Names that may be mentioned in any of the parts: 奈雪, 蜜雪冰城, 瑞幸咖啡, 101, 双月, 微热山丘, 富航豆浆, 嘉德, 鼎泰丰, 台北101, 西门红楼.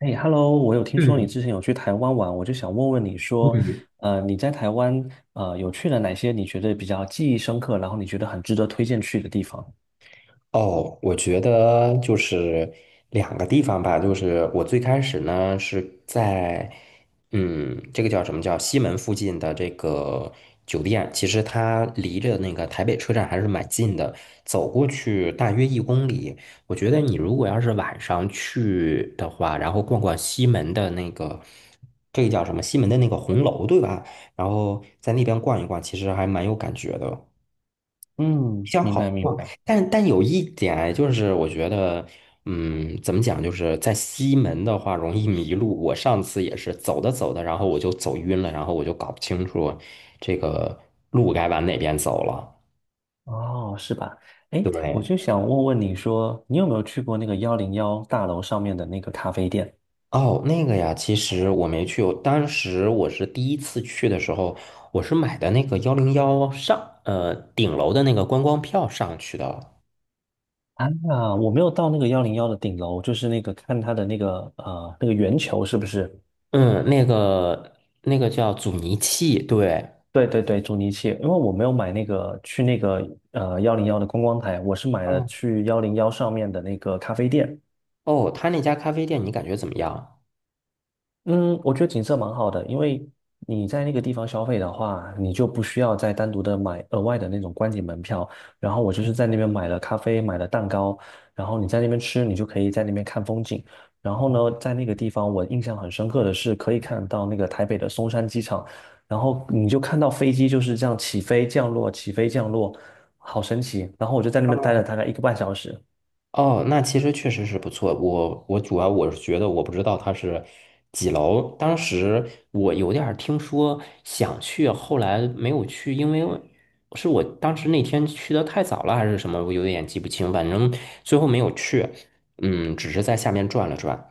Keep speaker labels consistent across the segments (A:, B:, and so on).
A: 哎，Hello，我有听说你
B: 嗯，
A: 之前有去台湾玩，我就想问问你说，你在台湾有去了哪些你觉得比较记忆深刻，然后你觉得很值得推荐去的地方？
B: 哦，我觉得就是两个地方吧，就是我最开始呢是在，这个叫什么叫西门附近的这个酒店，其实它离着那个台北车站还是蛮近的，走过去大约1公里。我觉得你如果要是晚上去的话，然后逛逛西门的那个，这个叫什么西门的那个红楼，对吧？然后在那边逛一逛，其实还蛮有感觉的。比
A: 嗯，
B: 较
A: 明白
B: 好
A: 明
B: 逛。
A: 白。
B: 但有一点啊就是我觉得，怎么讲，就是在西门的话容易迷路。我上次也是走着走着，然后我就走晕了，然后我就搞不清楚这个路该往哪边走了。
A: 哦，是吧？哎，我
B: 对，
A: 就想问问你说，你有没有去过那个幺零幺大楼上面的那个咖啡店？
B: 哦，那个呀，其实我没去，我当时我是第一次去的时候，我是买的那个幺零幺上，顶楼的那个观光票上去的。
A: 啊，我没有到那个幺零幺的顶楼，就是那个看它的那个那个圆球是不是？
B: 嗯，那个叫阻尼器，对。
A: 对对对，阻尼器，因为我没有买那个去那个幺零幺的观光台，我是买了
B: 嗯。
A: 去幺零幺上面的那个咖啡店。
B: 哦，他那家咖啡店你感觉怎么样？
A: 嗯，我觉得景色蛮好的，因为你在那个地方消费的话，你就不需要再单独的买额外的那种观景门票。然后我就是在那边买了咖啡，买了蛋糕，然后你在那边吃，你就可以在那边看风景。然后呢，在那个地方我印象很深刻的是，可以看到那个台北的松山机场，然后你就看到飞机就是这样起飞降落，起飞降落，好神奇。然后我就在那边待了大概1个半小时。
B: 哦，那其实确实是不错。我主要我是觉得我不知道他是几楼，当时我有点儿听说想去，后来没有去，因为是我当时那天去的太早了还是什么，我有点记不清，反正最后没有去。嗯，只是在下面转了转。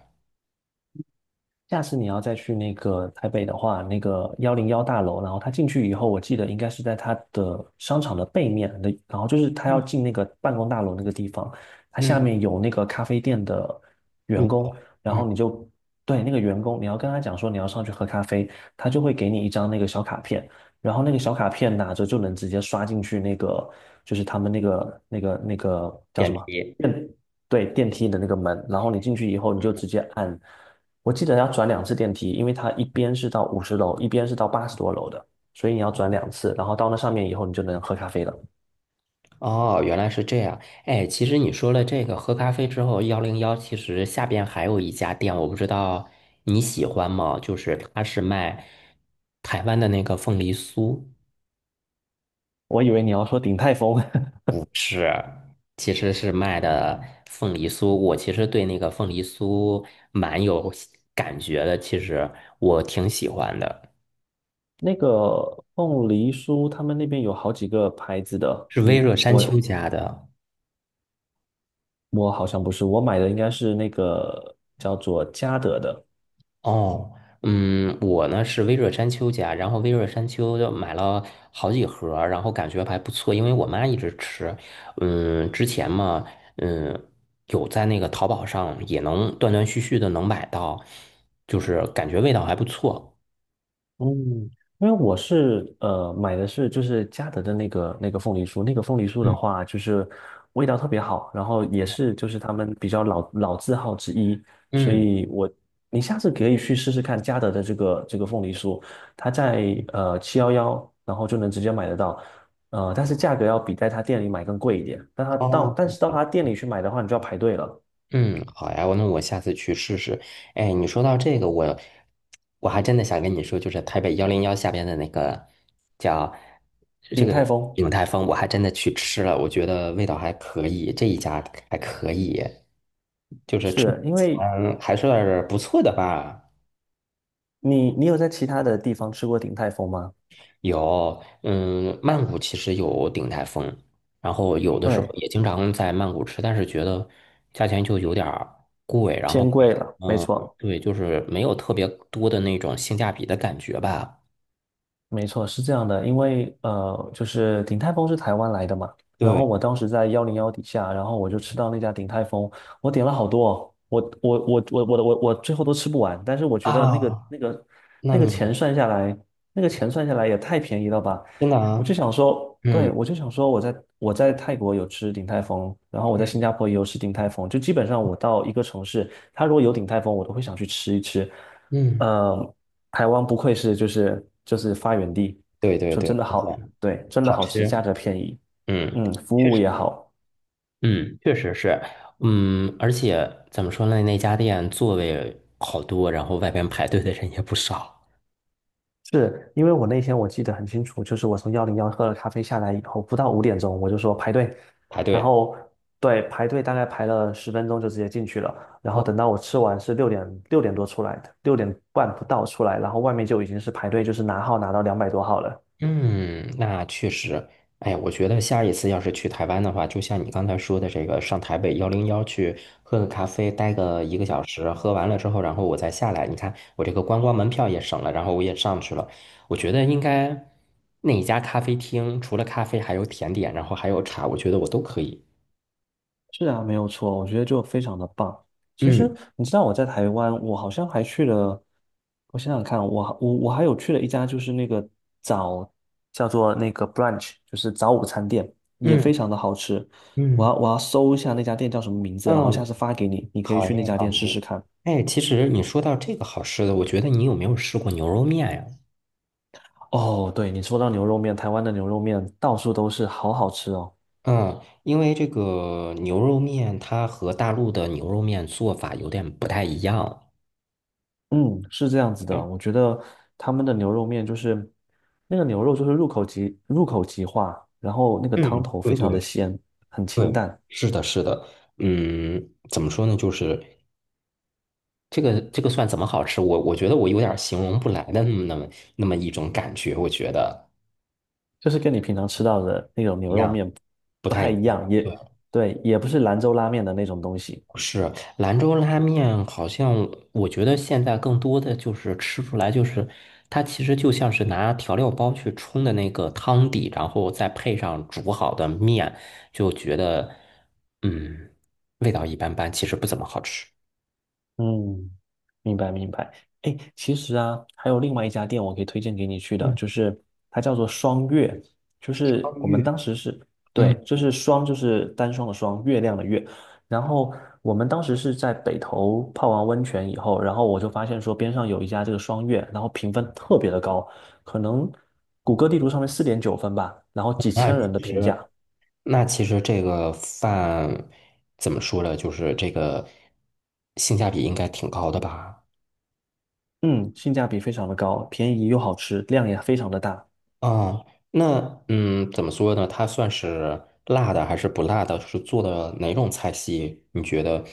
A: 下次你要再去那个台北的话，那个幺零幺大楼，然后他进去以后，我记得应该是在他的商场的背面的，然后就是他要
B: 嗯
A: 进那个办公大楼那个地方，他下
B: 嗯，
A: 面有那个咖啡店的员
B: 入口，
A: 工，然
B: 嗯
A: 后你就对那个员工，你要跟他讲说你要上去喝咖啡，他就会给你一张那个小卡片，然后那个小卡片拿着就能直接刷进去那个，就是他们那个叫
B: 电
A: 什么。
B: 梯。
A: 对，电梯的那个门，然后你进去以后，你就直接按，我记得要转两次电梯，因为它一边是到50楼，一边是到80多楼的，所以你要转两次，然后到那上面以后，你就能喝咖啡了。
B: 哦，原来是这样。哎，其实你说了这个喝咖啡之后，幺零幺其实下边还有一家店，我不知道你喜欢吗？就是它是卖台湾的那个凤梨酥，
A: 我以为你要说鼎泰丰。
B: 是，其实是卖的凤梨酥。我其实对那个凤梨酥蛮有感觉的，其实我挺喜欢的，
A: 那个凤梨酥，他们那边有好几个牌子的，
B: 是微热山丘家的。
A: 我好像不是，我买的应该是那个叫做嘉德的。
B: 哦，嗯，我呢是微热山丘家，然后微热山丘就买了好几盒儿然后感觉还不错，因为我妈一直吃。嗯，之前嘛，嗯，有在那个淘宝上也能断断续续的能买到，就是感觉味道还不错。
A: 嗯，因为我是买的是就是嘉德的那个凤梨酥，那个凤梨酥的
B: 嗯，
A: 话就是味道特别好，然后也是就是他们比较老字号之一，所
B: 嗯，
A: 以你下次可以去试试看嘉德的这个凤梨酥，它在711，然后就能直接买得到。但是价格要比在他店里买更贵一点，
B: 哦，
A: 但是到他店里去买的话，你就要排队了。
B: 嗯，好呀，那我下次去试试。哎，你说到这个，我还真的想跟你说，就是台北幺零幺下边的那个叫这
A: 鼎泰
B: 个
A: 丰
B: 鼎泰丰，我还真的去吃了，我觉得味道还可以，这一家还可以，就是吃
A: 是因为
B: 还是不错的吧。
A: 你有在其他的地方吃过鼎泰丰吗？
B: 有，嗯，曼谷其实有鼎泰丰，然后有的时候
A: 对。
B: 也经常在曼谷吃，但是觉得价钱就有点儿贵，然后，
A: 偏贵了，没
B: 嗯，
A: 错。
B: 对，就是没有特别多的那种性价比的感觉吧。
A: 没错，是这样的，因为就是鼎泰丰是台湾来的嘛，然后
B: 对
A: 我当时在幺零幺底下，然后我就吃到那家鼎泰丰，我点了好多哦，我最后都吃不完，但是我觉得
B: 啊，那
A: 那个
B: 你
A: 钱算下来，那个钱算下来也太便宜了吧。
B: 真的
A: 我就
B: 啊，
A: 想说，对，
B: 嗯
A: 我就想说我在泰国有吃鼎泰丰，然后我在新加坡也有吃鼎泰丰，就基本上我到一个城市，他如果有鼎泰丰，我都会想去吃一吃。
B: 嗯，
A: 呃，台湾不愧是就是发源地，
B: 对对
A: 说
B: 对，
A: 真的
B: 就是
A: 好，对，真的
B: 好
A: 好吃，价
B: 吃，
A: 格便宜，
B: 嗯，
A: 嗯，服
B: 确
A: 务
B: 实，
A: 也好。
B: 嗯，确实是，而且怎么说呢，那家店座位好多，然后外边排队的人也不少，
A: 是因为我那天我记得很清楚，就是我从幺零幺喝了咖啡下来以后，不到5点钟我就说排队，
B: 排
A: 然
B: 队。
A: 后对排队大概排了10分钟就直接进去了，然后等到我吃完是6点多出来的，6点半不到出来，然后外面就已经是排队，就是拿号拿到200多号了。
B: 嗯，那确实，哎我觉得下一次要是去台湾的话，就像你刚才说的，这个上台北幺零幺去喝个咖啡，待个1个小时，喝完了之后，然后我再下来。你看，我这个观光门票也省了，然后我也上去了。我觉得应该那一家咖啡厅，除了咖啡，还有甜点，然后还有茶，我觉得我都可以。
A: 是啊，没有错，我觉得就非常的棒。其实
B: 嗯
A: 你知道我在台湾，我好像还去了，我想想看，我还有去了一家就是那个早叫做那个 brunch，就是早午餐店，也非
B: 嗯
A: 常的好吃。
B: 嗯
A: 我要搜一下那家店叫什么名字，然后下
B: 嗯，
A: 次发给你，你可以
B: 好
A: 去那
B: 耶
A: 家
B: 好
A: 店试试
B: 耶。
A: 看。
B: 哎，其实你说到这个好吃的，我觉得你有没有试过牛肉面呀？
A: 哦，对，你说到牛肉面，台湾的牛肉面到处都是，好好吃哦。
B: 嗯，因为这个牛肉面它和大陆的牛肉面做法有点不太一样。
A: 嗯，是这样子的，
B: 嗯，
A: 我觉得他们的牛肉面就是那个牛肉就是入口即化，然后那个汤
B: 嗯
A: 头
B: 对
A: 非常的
B: 对
A: 鲜，很清
B: 对，
A: 淡，
B: 是的，是的。嗯，怎么说呢？就是这个蒜怎么好吃？我觉得我有点形容不来的那么一种感觉，我觉得
A: 就是跟你平常吃到的那种牛肉面
B: 不
A: 不
B: 太
A: 太
B: 一
A: 一
B: 样。
A: 样，也
B: 对。
A: 对，也不是兰州拉面的那种东西。
B: 是兰州拉面，好像我觉得现在更多的就是吃出来，就是它其实就像是拿调料包去冲的那个汤底，然后再配上煮好的面，就觉得嗯，味道一般般，其实不怎么好吃。
A: 嗯，明白明白。哎，其实啊，还有另外一家店我可以推荐给你去的，就是它叫做双月，就是
B: 汤
A: 我们
B: 浴，
A: 当时是，
B: 嗯，
A: 对，就是双就是单双的双，月亮的月。然后我们当时是在北头泡完温泉以后，然后我就发现说边上有一家这个双月，然后评分特别的高，可能谷歌地图上面4.9分吧，然后几
B: 那
A: 千人的
B: 其
A: 评价。
B: 实那其实这个饭怎么说呢？就是这个性价比应该挺高的吧？
A: 嗯，性价比非常的高，便宜又好吃，量也非常的大。
B: 啊，那怎么说呢？它算是辣的还是不辣的？是做的哪种菜系？你觉得？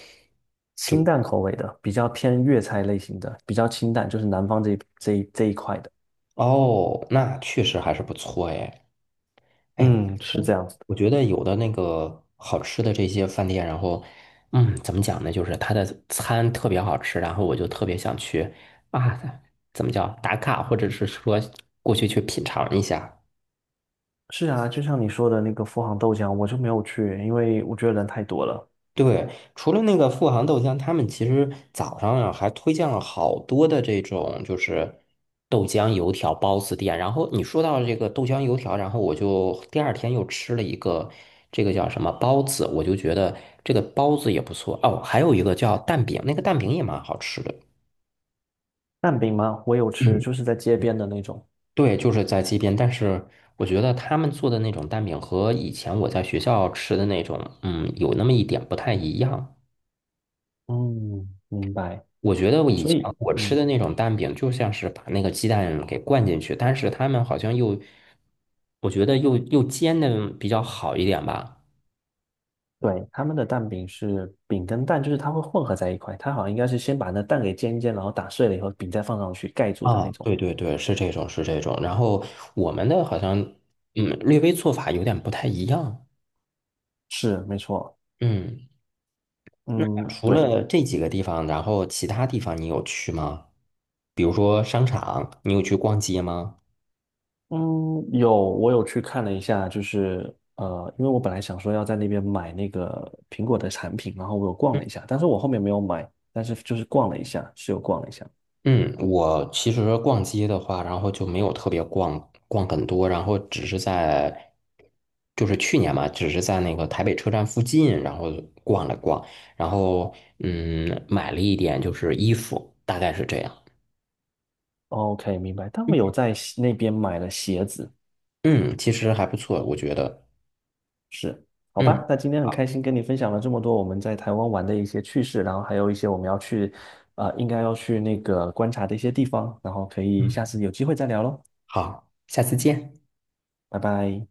A: 清淡口味的，比较偏粤菜类型的，比较清淡，就是南方这一块的。
B: 哦，那确实还是不错哎。哎，
A: 嗯，是这样子的。
B: 我觉得有的那个好吃的这些饭店，然后怎么讲呢？就是它的餐特别好吃，然后我就特别想去啊，怎么叫打卡，或者是说过去去品尝一下。
A: 是啊，就像你说的那个富航豆浆，我就没有去，因为我觉得人太多了。
B: 对，除了那个富航豆浆，他们其实早上啊还推荐了好多的这种就是豆浆油条包子店。然后你说到这个豆浆油条，然后我就第二天又吃了一个这个叫什么包子，我就觉得这个包子也不错。哦，还有一个叫蛋饼，那个蛋饼也蛮好吃的。
A: 蛋饼吗？我有吃，
B: 嗯，
A: 就是在街边的那种。
B: 对，就是在街边，但是我觉得他们做的那种蛋饼和以前我在学校吃的那种，有那么一点不太一样。
A: 嗯，明白。
B: 我觉得我以
A: 所
B: 前
A: 以，
B: 我吃
A: 嗯，
B: 的那种蛋饼，就像是把那个鸡蛋给灌进去，但是他们好像又，我觉得又煎的比较好一点吧。
A: 对，他们的蛋饼是饼跟蛋，就是它会混合在一块。它好像应该是先把那蛋给煎一煎，然后打碎了以后，饼再放上去盖住的那
B: 啊，
A: 种。
B: 对对对，是这种是这种。然后我们的好像，嗯，略微做法有点不太一样。
A: 是，没错。
B: 嗯，
A: 嗯，
B: 除
A: 对。
B: 了这几个地方，然后其他地方你有去吗？比如说商场，你有去逛街吗？
A: 嗯，有，我有去看了一下，就是因为我本来想说要在那边买那个苹果的产品，然后我有逛了一下，但是我后面没有买，但是就是逛了一下，是有逛了一下。
B: 嗯，我其实逛街的话，然后就没有特别逛逛很多，然后只是在，就是去年嘛，只是在那个台北车站附近，然后逛了逛，然后买了一点就是衣服，大概是这样。
A: OK，明白。但我有在西那边买了鞋子。
B: 嗯，其实还不错，我觉得。
A: 是，好
B: 嗯，
A: 吧。那今天很开心跟你分享了这么多我们在台湾玩的一些趣事，然后还有一些我们要去，应该要去那个观察的一些地方，然后可以
B: 嗯，
A: 下次有机会再聊喽，
B: 好，下次见。
A: 拜拜。